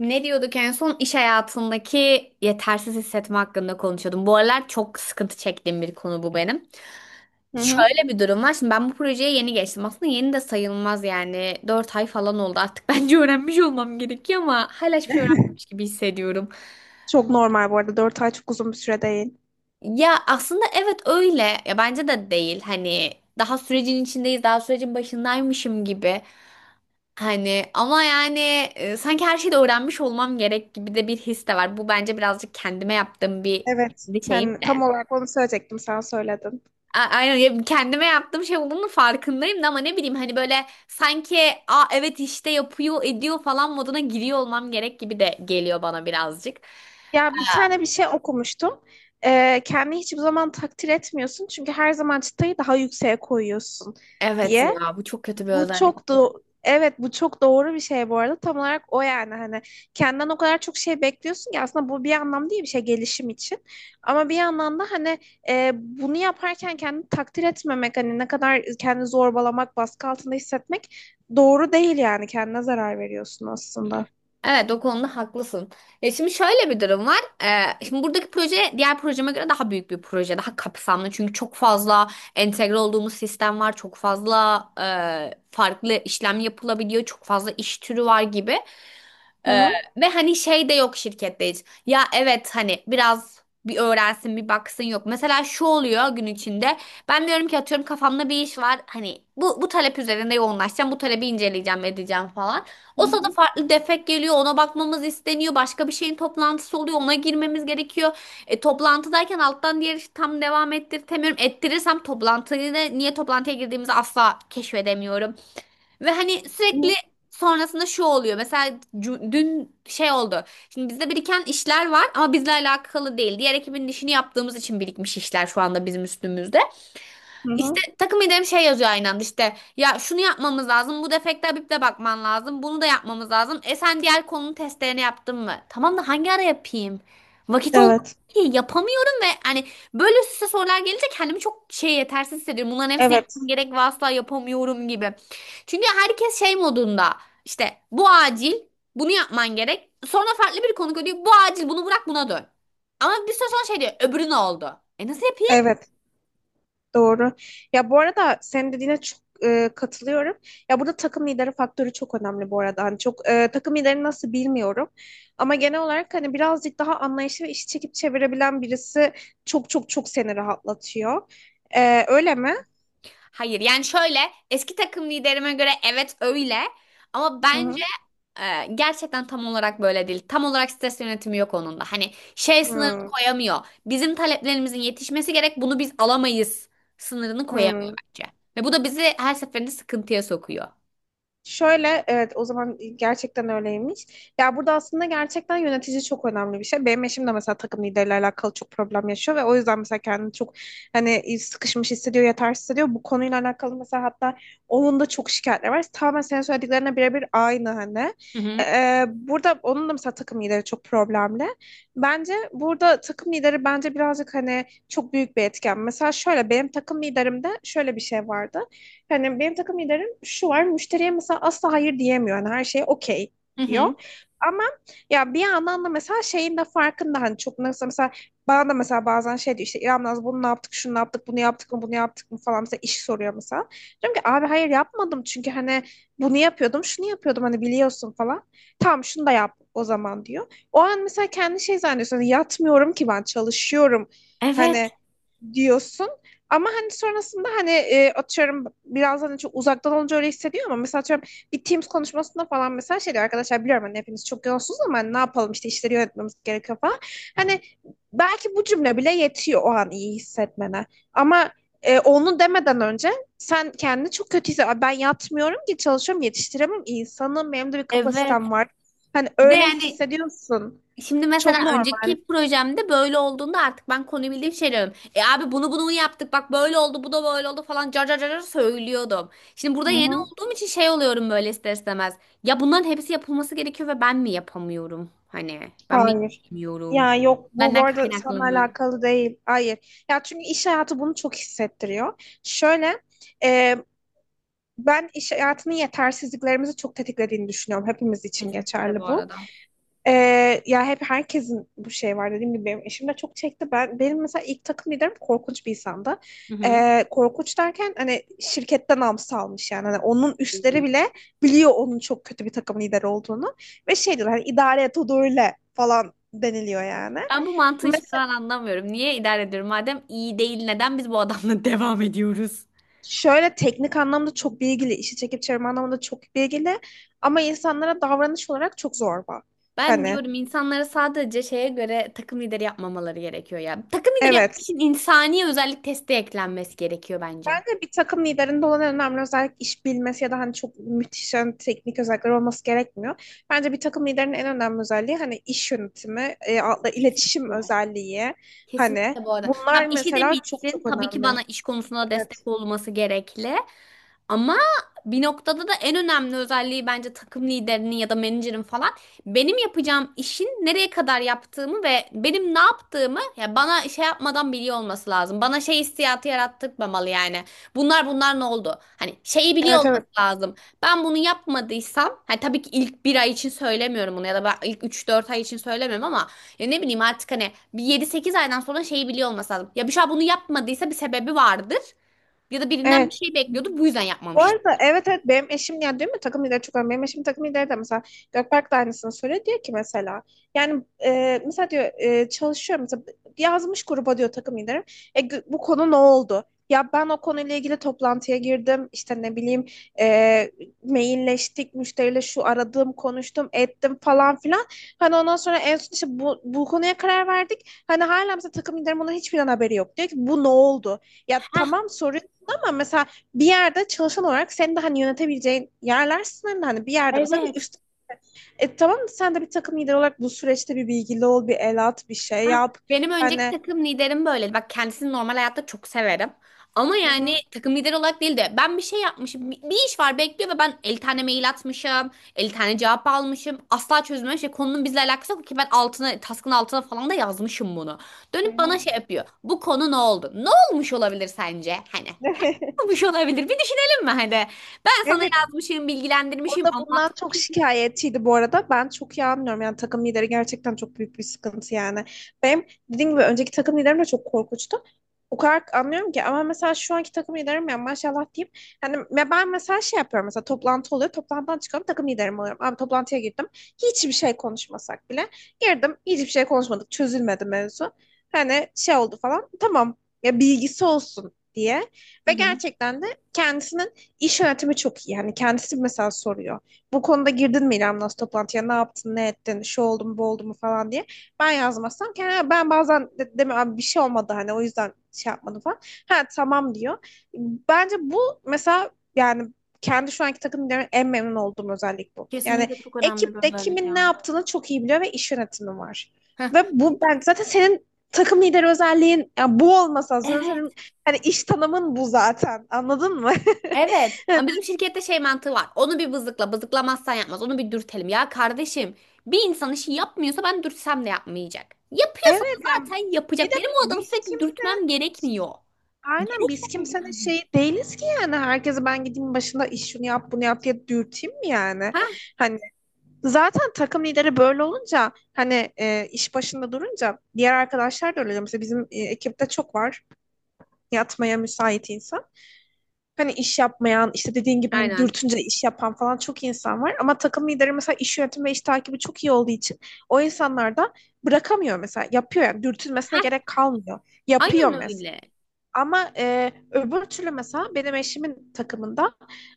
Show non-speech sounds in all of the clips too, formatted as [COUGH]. Ne diyorduk en son iş hayatındaki yetersiz hissetme hakkında konuşuyordum. Bu aralar çok sıkıntı çektiğim bir konu bu benim. Hı hı. Şöyle bir durum var. Şimdi ben bu projeye yeni geçtim. Aslında yeni de sayılmaz yani. 4 ay falan oldu artık. [LAUGHS] Bence öğrenmiş olmam gerekiyor ama hala hiçbir şey öğrenmemiş [LAUGHS] gibi hissediyorum. Çok normal bu arada. 4 ay çok uzun bir süre değil. Ya aslında evet öyle. Ya bence de değil. Hani daha sürecin içindeyiz, daha sürecin başındaymışım gibi. Hani ama yani sanki her şeyi de öğrenmiş olmam gerek gibi de bir his de var. Bu bence birazcık kendime yaptığım bir Evet. kendi şeyim Yani tam de. olarak onu söyleyecektim. Sen söyledin. Aynen ya kendime yaptığım şey olduğunu farkındayım da ama ne bileyim hani böyle sanki evet işte yapıyor ediyor falan moduna giriyor olmam gerek gibi de geliyor bana birazcık. Ya bir tane bir şey okumuştum. Kendini hiçbir zaman takdir etmiyorsun. Çünkü her zaman çıtayı daha yükseğe koyuyorsun Evet diye. ya bu çok kötü bir Bu özellik. çok da evet bu çok doğru bir şey bu arada. Tam olarak o yani hani kendinden o kadar çok şey bekliyorsun ki aslında bu bir anlamda iyi bir şey gelişim için. Ama bir yandan da hani bunu yaparken kendini takdir etmemek, hani ne kadar kendini zorbalamak, baskı altında hissetmek doğru değil, yani kendine zarar veriyorsun aslında. Evet o konuda haklısın. Ya şimdi şöyle bir durum var. Şimdi buradaki proje diğer projeme göre daha büyük bir proje, daha kapsamlı. Çünkü çok fazla entegre olduğumuz sistem var, çok fazla farklı işlem yapılabiliyor, çok fazla iş türü var gibi. Hı Ee, hı. Ve hani şey de yok şirkette hiç. Ya evet hani biraz bir öğrensin bir baksın yok. Mesela şu oluyor gün içinde. Ben diyorum ki atıyorum kafamda bir iş var. Hani bu talep üzerinde yoğunlaşacağım. Bu talebi inceleyeceğim edeceğim falan. Hı O sırada hı. farklı defek geliyor. Ona bakmamız isteniyor. Başka bir şeyin toplantısı oluyor. Ona girmemiz gerekiyor. Toplantıdayken alttan diğer işi tam devam ettirtemiyorum. Ettirirsem toplantıyı da niye toplantıya girdiğimizi asla keşfedemiyorum. Ve hani Hı sürekli hı. sonrasında şu oluyor. Mesela dün şey oldu. Şimdi bizde biriken işler var ama bizle alakalı değil. Diğer ekibin işini yaptığımız için birikmiş işler şu anda bizim üstümüzde. Hı İşte hı. takım liderim şey yazıyor aynı anda işte ya şunu yapmamız lazım bu defekte Habib'le bakman lazım bunu da yapmamız lazım. Sen diğer konunun testlerini yaptın mı? Tamam da hangi ara yapayım? Vakit olmuyor, Evet. ki yapamıyorum ve hani böyle üst üste sorular gelince kendimi çok şey yetersiz hissediyorum. Bunların hepsini Evet. yapmam gerek ve asla yapamıyorum gibi. Çünkü herkes şey modunda işte bu acil bunu yapman gerek. Sonra farklı bir konu diyor bu acil bunu bırak buna dön. Ama bir süre sonra şey diyor öbürü ne oldu? Nasıl yapayım? Evet. Doğru. Ya bu arada senin dediğine çok katılıyorum. Ya burada takım lideri faktörü çok önemli bu arada. Hani çok takım lideri nasıl bilmiyorum. Ama genel olarak hani birazcık daha anlayışlı ve işi çekip çevirebilen birisi çok çok çok seni rahatlatıyor. E, öyle mi? Hayır yani şöyle eski takım liderime göre evet öyle ama Hı bence hı. Gerçekten tam olarak böyle değil. Tam olarak stres yönetimi yok onun da. Hani şey sınırını Hı. koyamıyor. Bizim taleplerimizin yetişmesi gerek bunu biz alamayız sınırını koyamıyor Hı. bence. Ve bu da bizi her seferinde sıkıntıya sokuyor. Şöyle evet, o zaman gerçekten öyleymiş. Ya burada aslında gerçekten yönetici çok önemli bir şey. Benim eşim de mesela takım lideriyle alakalı çok problem yaşıyor ve o yüzden mesela kendini çok hani sıkışmış hissediyor, yetersiz hissediyor. Bu konuyla alakalı mesela hatta onun da çok şikayetleri var. Tamamen senin söylediklerine birebir aynı hani. Hı hı. Burada onun da mesela takım lideri çok problemli. Bence burada takım lideri bence birazcık hani çok büyük bir etken. Mesela şöyle benim takım liderimde şöyle bir şey vardı. Yani benim takım liderim şu var. Müşteriye mesela asla hayır diyemiyor. Yani her şeye okey Hı hı. diyor. Ama ya bir yandan da mesela şeyin de farkında hani, çok nasıl, mesela bana da mesela bazen şey diyor, işte İrem Naz bunu ne yaptık, şunu ne yaptık, bunu yaptık mı, bunu yaptık mı falan, mesela iş soruyor mesela. Diyorum ki abi hayır yapmadım, çünkü hani bunu yapıyordum, şunu yapıyordum, hani biliyorsun falan. Tamam, şunu da yap o zaman diyor. O an mesela kendi şey zannediyorsun, hani yatmıyorum ki ben, çalışıyorum hani Evet, diyorsun. Ama hani sonrasında hani atıyorum biraz hani çok uzaktan olunca öyle hissediyor, ama mesela atıyorum bir Teams konuşmasında falan mesela şey diyor, arkadaşlar biliyorum hani hepiniz çok yoğunsunuz, ama hani ne yapalım, işte işleri yönetmemiz gerekiyor falan. Hani belki bu cümle bile yetiyor o an iyi hissetmene. Ama onu demeden önce sen kendini çok kötü hissediyorsun. Ben yatmıyorum ki, çalışıyorum, yetiştiremem, insanım, benim de bir evet. kapasitem var. Hani Bir de öyle yani hissediyorsun. şimdi mesela Çok normal. önceki projemde böyle olduğunda artık ben konuyu bildiğim şey diyorum. Abi bunu yaptık bak böyle oldu bu da böyle oldu falan car car car car söylüyordum. Şimdi burada Hı yeni hı. olduğum için şey oluyorum böyle ister istemez. Ya bunların hepsi yapılması gerekiyor ve ben mi yapamıyorum? Hani ben mi Hayır. bilmiyorum? Ya yok, bu bu Benden arada kaynaklı seninle mı? alakalı değil. Hayır. Ya çünkü iş hayatı bunu çok hissettiriyor. Şöyle, e, ben iş hayatının yetersizliklerimizi çok tetiklediğini düşünüyorum. Hepimiz için Kesinlikle bu geçerli bu. arada. Ya hep herkesin bu şey var, dediğim gibi benim eşim de çok çekti. Benim mesela ilk takım liderim korkunç bir insandı. Hı hı. Korkunç derken hani şirketten namsa almış yani. Hani onun üstleri bile biliyor onun çok kötü bir takım lideri olduğunu ve şey diyorlar, hani idare et, o da öyle falan deniliyor yani. Ben bu mantığı hiçbir Mesela zaman anlamıyorum. Niye idare ediyorum? Madem iyi değil neden biz bu adamla [LAUGHS] devam ediyoruz? şöyle teknik anlamda çok bilgili, işi çekip çevirme anlamında çok bilgili, ama insanlara davranış olarak çok zorba. Ben Hani diyorum insanlara sadece şeye göre takım lideri yapmamaları gerekiyor ya. Takım lideri yapmak evet. için insani özellik testi eklenmesi gerekiyor bence. Bence bir takım liderinde olan en önemli özellik iş bilmesi ya da hani çok müthiş yani teknik özellikler olması gerekmiyor. Bence bir takım liderinin en önemli özelliği hani iş yönetimi, iletişim Kesinlikle. özelliği, hani Kesinlikle bu arada. Tabii bunlar işi de mesela çok bilsin. çok Tabii ki bana önemli. iş konusunda Evet. destek olması gerekli. Ama bir noktada da en önemli özelliği bence takım liderinin ya da menajerin falan benim yapacağım işin nereye kadar yaptığımı ve benim ne yaptığımı ya bana şey yapmadan biliyor olması lazım. Bana şey hissiyatı yarattırmamalı yani. Bunlar ne oldu? Hani şeyi biliyor Evet, evet. olması lazım. Ben bunu yapmadıysam hani tabii ki ilk bir ay için söylemiyorum bunu ya da ben ilk 3-4 ay için söylemiyorum ama ya ne bileyim artık hani bir 7-8 aydan sonra şeyi biliyor olması lazım. Ya Büşra bunu yapmadıysa bir sebebi vardır. Ya da birinden bir Evet. şey bekliyordu. Bu yüzden Bu yapmamıştı. arada evet, evet, benim eşim yani, değil mi, takım lideri çok önemli. Benim eşim takım lideri de mesela Gökberk de aynısını söylüyor. Diyor ki mesela yani mesela diyor, çalışıyor mesela, yazmış gruba diyor takım liderim. E, bu konu ne oldu? Ya ben o konuyla ilgili toplantıya girdim. İşte ne bileyim, e, mailleştik müşteriyle, şu aradım konuştum ettim falan filan. Hani ondan sonra en son işte bu konuya karar verdik. Hani hala mesela takım liderim bunun hiçbir haberi yok. Diyor ki bu ne oldu? Ya Heh. tamam soruyorsun, ama mesela bir yerde çalışan olarak senin de hani yönetebileceğin yerler sınırlı. Hani bir yerde mesela bir Evet. üst. E tamam, sen de bir takım lideri olarak bu süreçte bir bilgili ol, bir el at, bir şey Ha, yap. benim önceki Hani takım liderim böyleydi. Bak kendisini normal hayatta çok severim. Ama hı yani hı. takım lideri olarak değil de ben bir şey yapmışım. Bir iş var bekliyor ve ben 50 tane mail atmışım. 50 tane cevap almışım. Asla çözmemiş. Şey, konunun bizle alakası yok ki ben altına, task'ın altına falan da yazmışım bunu. Hı Dönüp bana hı. şey yapıyor. Bu konu ne oldu? Ne olmuş olabilir sence? Hani. Olmuş [LAUGHS] olabilir? Bir düşünelim mi hadi? Ben sana Evet, yazmışım, o bilgilendirmişim, da bundan çok anlatmışım. şikayetçiydi bu arada. Ben çok iyi anlıyorum. Yani takım lideri gerçekten çok büyük bir sıkıntı yani. Benim dediğim gibi önceki takım liderim de çok korkunçtu. O kadar anlıyorum ki, ama mesela şu anki takım liderim ya maşallah diyeyim. Hani ben mesela şey yapıyorum, mesela toplantı oluyor. Toplantıdan çıkıyorum, takım liderim oluyorum. Abi toplantıya girdim. Hiçbir şey konuşmasak bile. Girdim, hiçbir şey konuşmadık. Çözülmedi mevzu. Hani şey oldu falan. Tamam, ya bilgisi olsun diye. Hı Ve hı. gerçekten de kendisinin İş yönetimi çok iyi. Yani kendisi mesela soruyor. Bu konuda girdin mi İrem Naz toplantıya? Ne yaptın, ne ettin, şu oldu mu, bu oldu mu falan diye. Ben yazmazsam kendi, ben bazen de, deme abi bir şey olmadı hani, o yüzden şey yapmadım falan. Ha tamam diyor. Bence bu mesela, yani kendi şu anki takım liderimden en memnun olduğum özellik bu. Yani Kesinlikle çok önemli bir ekipte özellik kimin ne ya. yaptığını çok iyi biliyor ve iş yönetimi var. Heh. Ve bu ben zaten senin takım lideri özelliğin, yani bu olmasa zaten Evet, senin hani iş tanımın bu zaten. Anladın mı? evet. Ama [LAUGHS] bizim şirkette şey mantığı var. Onu bir bızıkla, bızıklamazsan yapmaz. Onu bir dürtelim. Ya kardeşim, bir insan işi yapmıyorsa ben dürtsem de yapmayacak. Yapıyorsa da Evet yani, zaten bir yapacak. de Benim o adamı biz sürekli kimse dürtmem gerekmiyor. aynen biz Gerekmemeli kimsenin yani. şey değiliz ki yani, herkese ben gideyim başında, iş şunu yap bunu yap diye dürteyim mi yani? Heh, Hani zaten takım lideri böyle olunca hani, iş başında durunca diğer arkadaşlar da öyle oluyor. Mesela bizim ekipte çok var yatmaya müsait insan. Hani iş yapmayan, işte dediğin gibi hani aynen. dürtünce iş yapan falan çok insan var. Ama takım lideri mesela iş yönetimi ve iş takibi çok iyi olduğu için o insanlar da bırakamıyor, mesela yapıyor, yani dürtülmesine Heh, gerek kalmıyor, aynen yapıyor mesela. öyle. Ama öbür türlü mesela benim eşimin takımında,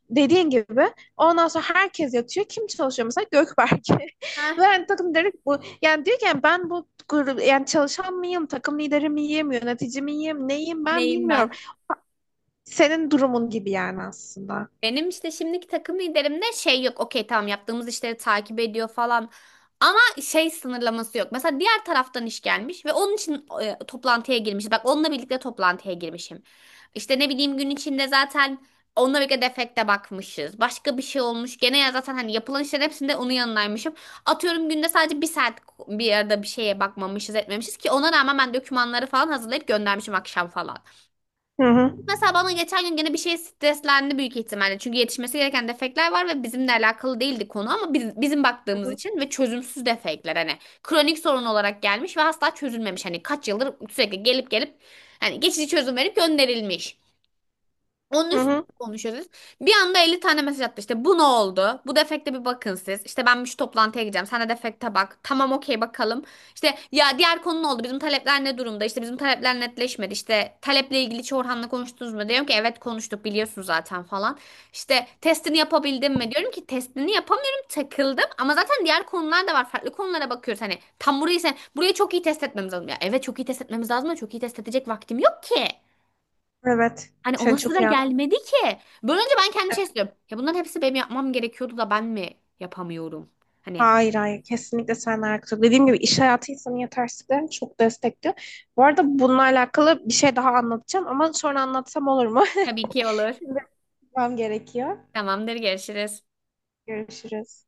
dediğin gibi, ondan sonra herkes yatıyor. Kim çalışıyor mesela? Gökberk. [LAUGHS] Heh, Ve yani takım direkt bu. Yani diyor ki, yani ben bu grup yani, çalışan mıyım? Takım lideri miyim? Yönetici miyim? Neyim ben neyim bilmiyorum. ben? Senin durumun gibi yani aslında. Benim işte şimdiki takım liderimde şey yok. Okey tamam yaptığımız işleri takip ediyor falan. Ama şey sınırlaması yok. Mesela diğer taraftan iş gelmiş ve onun için toplantıya girmiş. Bak onunla birlikte toplantıya girmişim. İşte ne bileyim gün içinde zaten onunla birlikte defekte bakmışız. Başka bir şey olmuş. Gene ya zaten hani yapılan işlerin hepsinde onun yanındaymışım. Atıyorum günde sadece bir saat bir arada bir şeye bakmamışız etmemişiz ki ona rağmen ben dokümanları falan hazırlayıp göndermişim akşam falan. Hı hı. Mesela bana geçen gün gene bir şey streslendi büyük ihtimalle. Çünkü yetişmesi gereken defekler var ve bizimle alakalı değildi konu ama bizim Hı baktığımız hı. için ve çözümsüz defekler hani kronik sorun olarak gelmiş ve asla çözülmemiş. Hani kaç yıldır sürekli gelip gelip hani geçici çözüm verip gönderilmiş. Onun Hı üstüne hı. konuşuyoruz. Bir anda 50 tane mesaj attı işte. Bu ne oldu? Bu defekte bir bakın siz. İşte ben şu toplantıya gideceğim. Sen de defekte bak. Tamam okey bakalım. İşte ya diğer konu ne oldu? Bizim talepler ne durumda? İşte bizim talepler netleşmedi. İşte taleple ilgili hiç Orhan'la konuştunuz mu? Diyorum ki evet konuştuk biliyorsun zaten falan. İşte testini yapabildim mi? Diyorum ki testini yapamıyorum takıldım. Ama zaten diğer konular da var. Farklı konulara bakıyoruz. Hani tam burayı çok iyi test etmemiz lazım. Ya evet çok iyi test etmemiz lazım ama çok iyi test edecek vaktim yok ki. Evet. Hani Sen ona çok sıra iyi anladın. gelmedi ki. Böyle önce ben kendim şey istiyorum. Ya bunların hepsi benim yapmam gerekiyordu da ben mi yapamıyorum? Hani Hayır, hayır, kesinlikle seninle alakası. Dediğim gibi iş hayatı insanın yetersizliklerini çok destekliyor. Bu arada bununla alakalı bir şey daha anlatacağım, ama sonra anlatsam olur mu? tabii ki olur. [LAUGHS] Şimdi yapmam gerekiyor. Tamamdır, görüşürüz. Görüşürüz.